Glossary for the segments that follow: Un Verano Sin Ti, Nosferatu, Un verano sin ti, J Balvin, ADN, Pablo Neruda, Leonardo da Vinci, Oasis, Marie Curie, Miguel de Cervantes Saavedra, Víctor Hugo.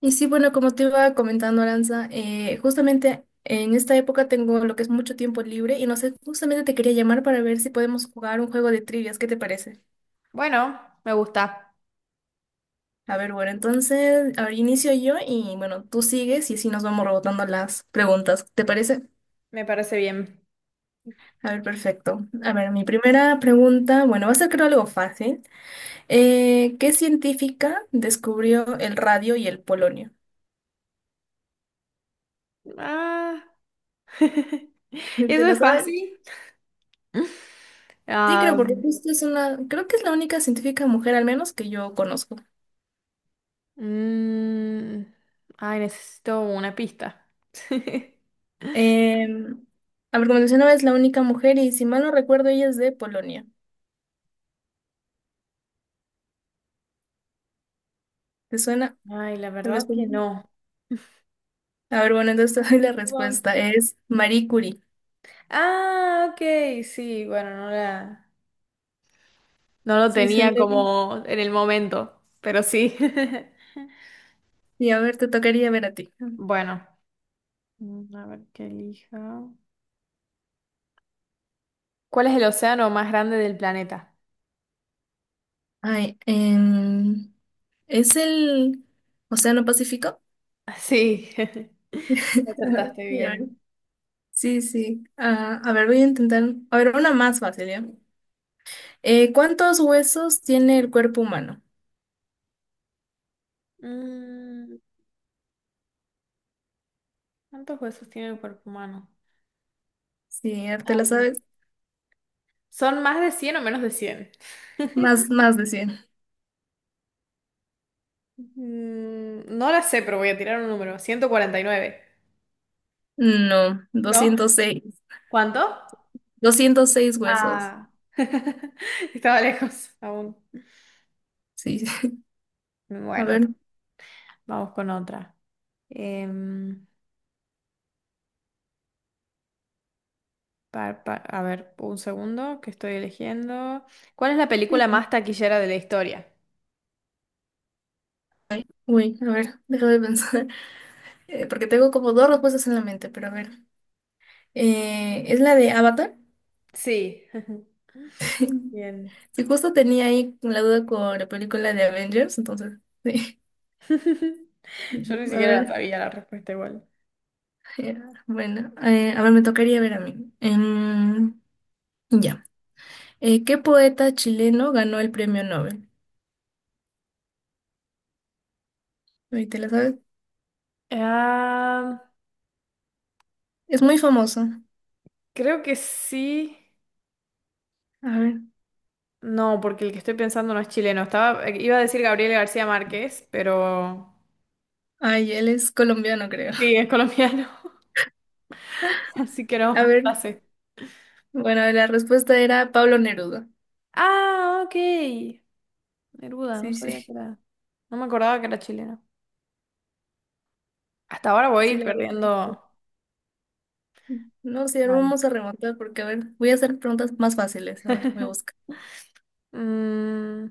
Y sí, bueno, como te iba comentando, Aranza, justamente en esta época tengo lo que es mucho tiempo libre y no sé, justamente te quería llamar para ver si podemos jugar un juego de trivias, ¿qué te parece? Bueno, me gusta, A ver, bueno, entonces, a ver, inicio yo y bueno, tú sigues y así nos vamos rebotando las preguntas, ¿te parece? me parece bien. A ver, perfecto. A ver, mi primera pregunta, bueno, va a ser creo algo fácil. ¿Qué científica descubrió el radio y el polonio? Ah, ¿Te eso la es sabes? fácil. Sí, Ah, creo, porque justo es una, creo que es la única científica mujer, al menos que yo conozco. mm, necesito una pista. Eh, a ver, como mencionaba, es la única mujer y si mal no recuerdo, ella es de Polonia. ¿Te suena? Ay, la Tal vez. verdad que no. A ver, bueno, entonces te doy la Perdón. respuesta. Es Marie Curie. Ah, ok, sí, bueno, no lo Sí, sí. tenía Sí. como en el momento, pero sí. Y a ver, te tocaría ver a ti. Bueno, a ver qué elija. ¿Cuál es el océano más grande del planeta? Ay, ¿es el Océano Pacífico? Sí, Ajá, acertaste sí, a ver. bien. Sí. Sí. Ah, a ver, voy a intentar. A ver, una más fácil, ¿ya? ¿Cuántos huesos tiene el cuerpo humano? Mm, ¿Cuántos huesos tiene el cuerpo humano? Sí, te la Ay, sabes. ¿Son más de cien o menos de cien? Más, más de cien. No la sé, pero voy a tirar un número. 149. No, ¿No? ¿Cuánto? doscientos seis huesos. Ah, estaba lejos aún. Sí. A Bueno, ver. vamos con otra. Em, a ver, un segundo que estoy eligiendo. ¿Cuál es la película más taquillera de la historia? Uy, a ver, déjame pensar. Porque tengo como dos respuestas en la mente, pero a ver. ¿Es la de Avatar? Sí, bien. Si justo tenía ahí la duda con la película de Avengers, entonces, sí. Yo ni A siquiera la ver, sabía la respuesta igual. eh, bueno, a ver, me tocaría ver a mí. Ya. ¿Qué poeta chileno ganó el premio Nobel? Ahí ¿te la sabes? Ah, Es muy famoso. creo que sí. A ver. No, porque el que estoy pensando no es chileno. Estaba, iba a decir Gabriel García Márquez, pero Ay, él es colombiano, creo. sí, es colombiano, así que no, A no la ver, sé. bueno, la respuesta era Pablo Neruda. Ah, ok. Neruda, no Sí, sí, sabía que era. No me acordaba que era chileno. Hasta ahora sí, voy la verdad. Es perdiendo. que sí. No, sí, ahora Vale. vamos a remontar porque, a ver, voy a hacer preguntas más fáciles. A ver, voy a buscar. Mm,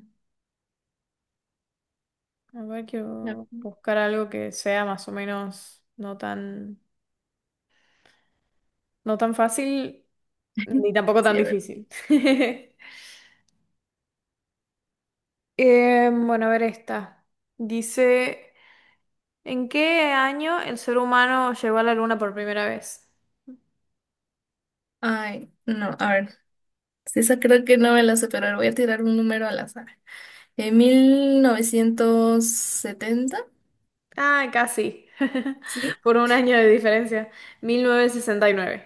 a ver, A quiero ver. buscar algo que sea más o menos no tan fácil ni tampoco tan Sí, a ver. difícil. Bueno, a ver esta. Dice, ¿en qué año el ser humano llegó a la luna por primera vez? Ay, no, a ver. Sí, esa creo que no me la sé, pero a ver, voy a tirar un número al azar. ¿En 1970? Ah, casi. Sí. Por un año de diferencia. 1969.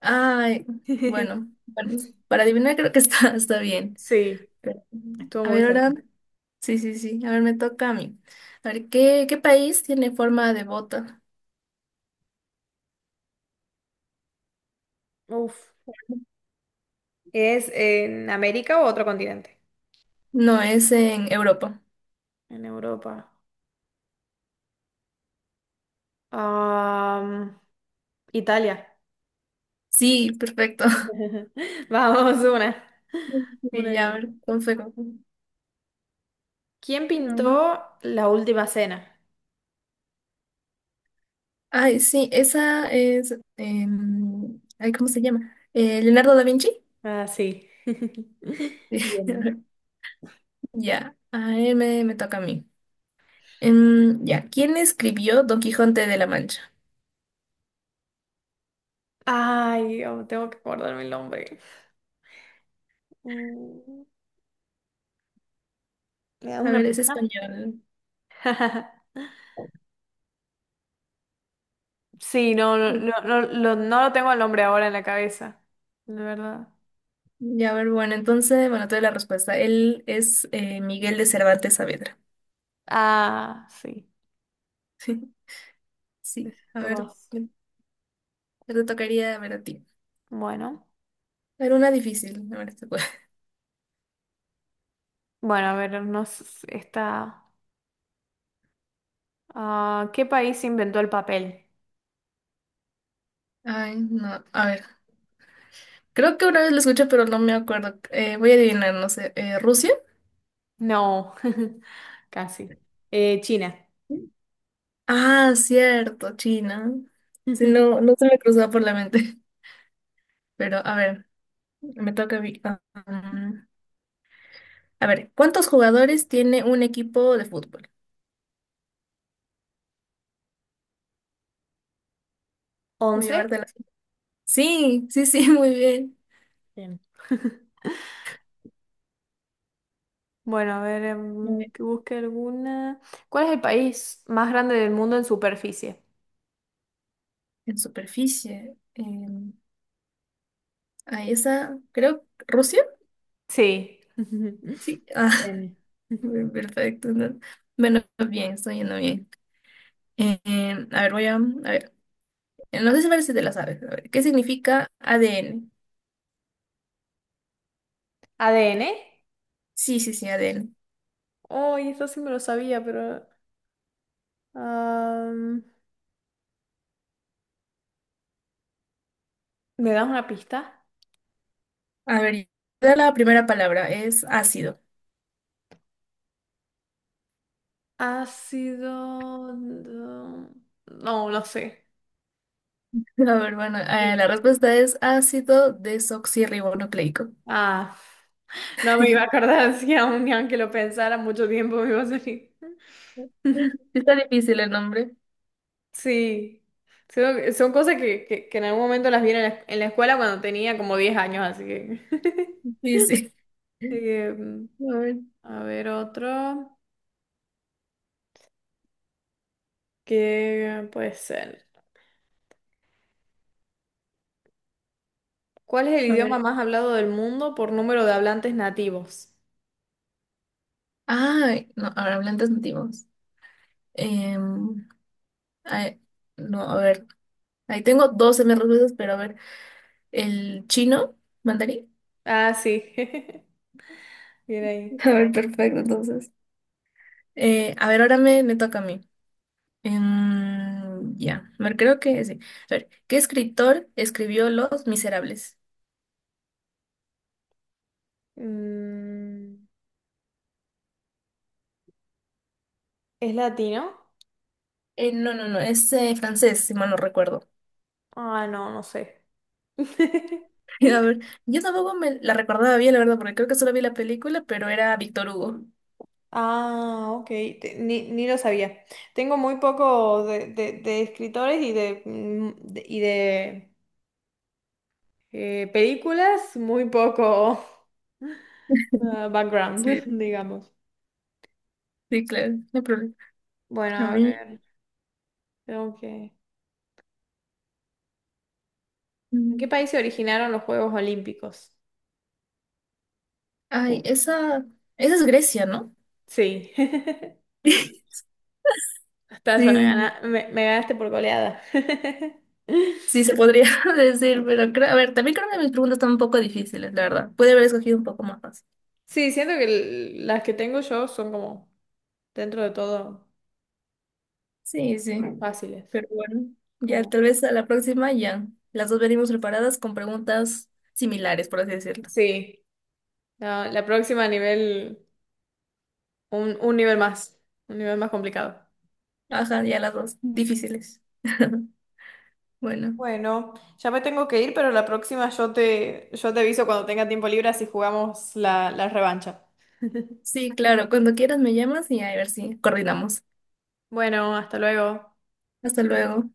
Ay, bueno, bueno, para adivinar creo que está, está bien. Sí, Pero, estuvo a muy ver, cerca. ahora. Sí, sí, sí. A ver, me toca a mí. A ver, ¿qué, qué país tiene forma de bota? Uf. ¿Es en América o otro continente? No, es en Europa. En Europa. Am, Italia. Sí, perfecto. Vamos, una. Y Una ya, a bien. ver, con fe. ¿Quién A ver. pintó La Última Cena? Ay, sí, esa es. Ay, ¿cómo se llama? Leonardo da Vinci. Ah, sí. Bien. Ya, a ver, me toca a mí. Ya, ¿quién escribió Don Quijote de la Mancha? Ay, oh, tengo que acordarme el nombre. Mm, ¿Me das A una ver, es pista? español. Sí, no, lo no lo tengo el nombre ahora en la cabeza, de verdad. Ya, a ver, bueno, entonces, bueno, te doy la respuesta. Él es Miguel de Cervantes Saavedra. Ah, sí, Sí, a ver, Tomás. me- me te tocaría ver a ti. Bueno, A ver, una difícil, a ver si puedo. bueno, a ver, nos está. ¿Qué país inventó el papel? Ay, no, a ver. Creo que una vez lo escuché, pero no me acuerdo. Voy a adivinar, no sé. ¿Rusia? No, casi. China. Ah, cierto, China. Sí, no, no se me cruzaba por la mente. Pero, a ver, me toca a mí. Mm. A ver, ¿cuántos jugadores tiene un equipo de fútbol? Voy a ¿Once? llevarte la... Sí, sí, sí, muy bien. Bien. Bueno, a ver, Muy bien. que busque alguna. ¿Cuál es el país más grande del mundo en superficie? En superficie. Ahí está, creo, ¿Rusia? Sí. Sí. Ah. N. Bien, perfecto. ¿No? Bueno, bien, estoy yendo bien. A ver, a ver. No sé si parece de las aves. A ver, ¿qué significa ADN? ADN. Sí, sí, sí, ADN. ¡Ay! Eso sí me lo sabía, pero... am, ¿me das una pista? A ver, ya la primera palabra es ácido. Ácido... No, no sé. A ver, bueno, Sí. La respuesta es ácido desoxirribonucleico. Ah, no me iba a acordar si aún ni aunque lo pensara mucho tiempo me iba a salir. Sí, está difícil el nombre. Sí. Son cosas que en algún momento las vi en la escuela cuando tenía como 10 años, así que... Sí, sí. Eh, A ver, a ver otro. ¿Qué puede ser? ¿Cuál es el a idioma ver. más hablado del mundo por número de hablantes nativos? Ay, no, ahora hablantes nativos. Em, ay, no, a ver. Ahí tengo 12 respuestas, pero a ver. El chino, mandarín. Ah, sí. Bien ahí. A ver, perfecto, entonces. A ver, ahora me toca a mí. Ya, me creo que sí. A ver, ¿qué escritor escribió Los Miserables? Mm, ¿Es latino? No, no, no, es francés, si mal no recuerdo. Ah, no, no sé. A ver, yo tampoco me la recordaba bien, la verdad, porque creo que solo vi la película, pero era Víctor Hugo. Ah, ok. Ni, ni lo sabía. Tengo muy poco de, de escritores y de, de películas, muy poco ah, background, Sí, digamos. sí, claro, no hay problema. Bueno, A a mí. ver, tengo que... ¿En qué país mm, se originaron los Juegos Olímpicos? Ay, esa es Grecia, ¿no? Sí. Estás, Sí, sí, me ganaste por goleada. sí, se podría decir, pero creo, a ver, también creo que mis preguntas están un poco difíciles, la verdad. Puede haber escogido un poco más fácil. Sí, siento que las que tengo yo son como, dentro de todo, Sí, sí. fáciles. Pero bueno, ya Como, tal vez a la próxima ya. Las dos venimos preparadas con preguntas similares, por así decirlo. sí, la próxima nivel, un, un nivel más, un nivel más complicado. Ajá, ya las dos difíciles. Bueno, Bueno, ya me tengo que ir, pero la próxima yo te aviso cuando tenga tiempo libre si jugamos la, la revancha. sí, claro, cuando quieras me llamas y a ver si coordinamos. Bueno, hasta luego. Hasta luego.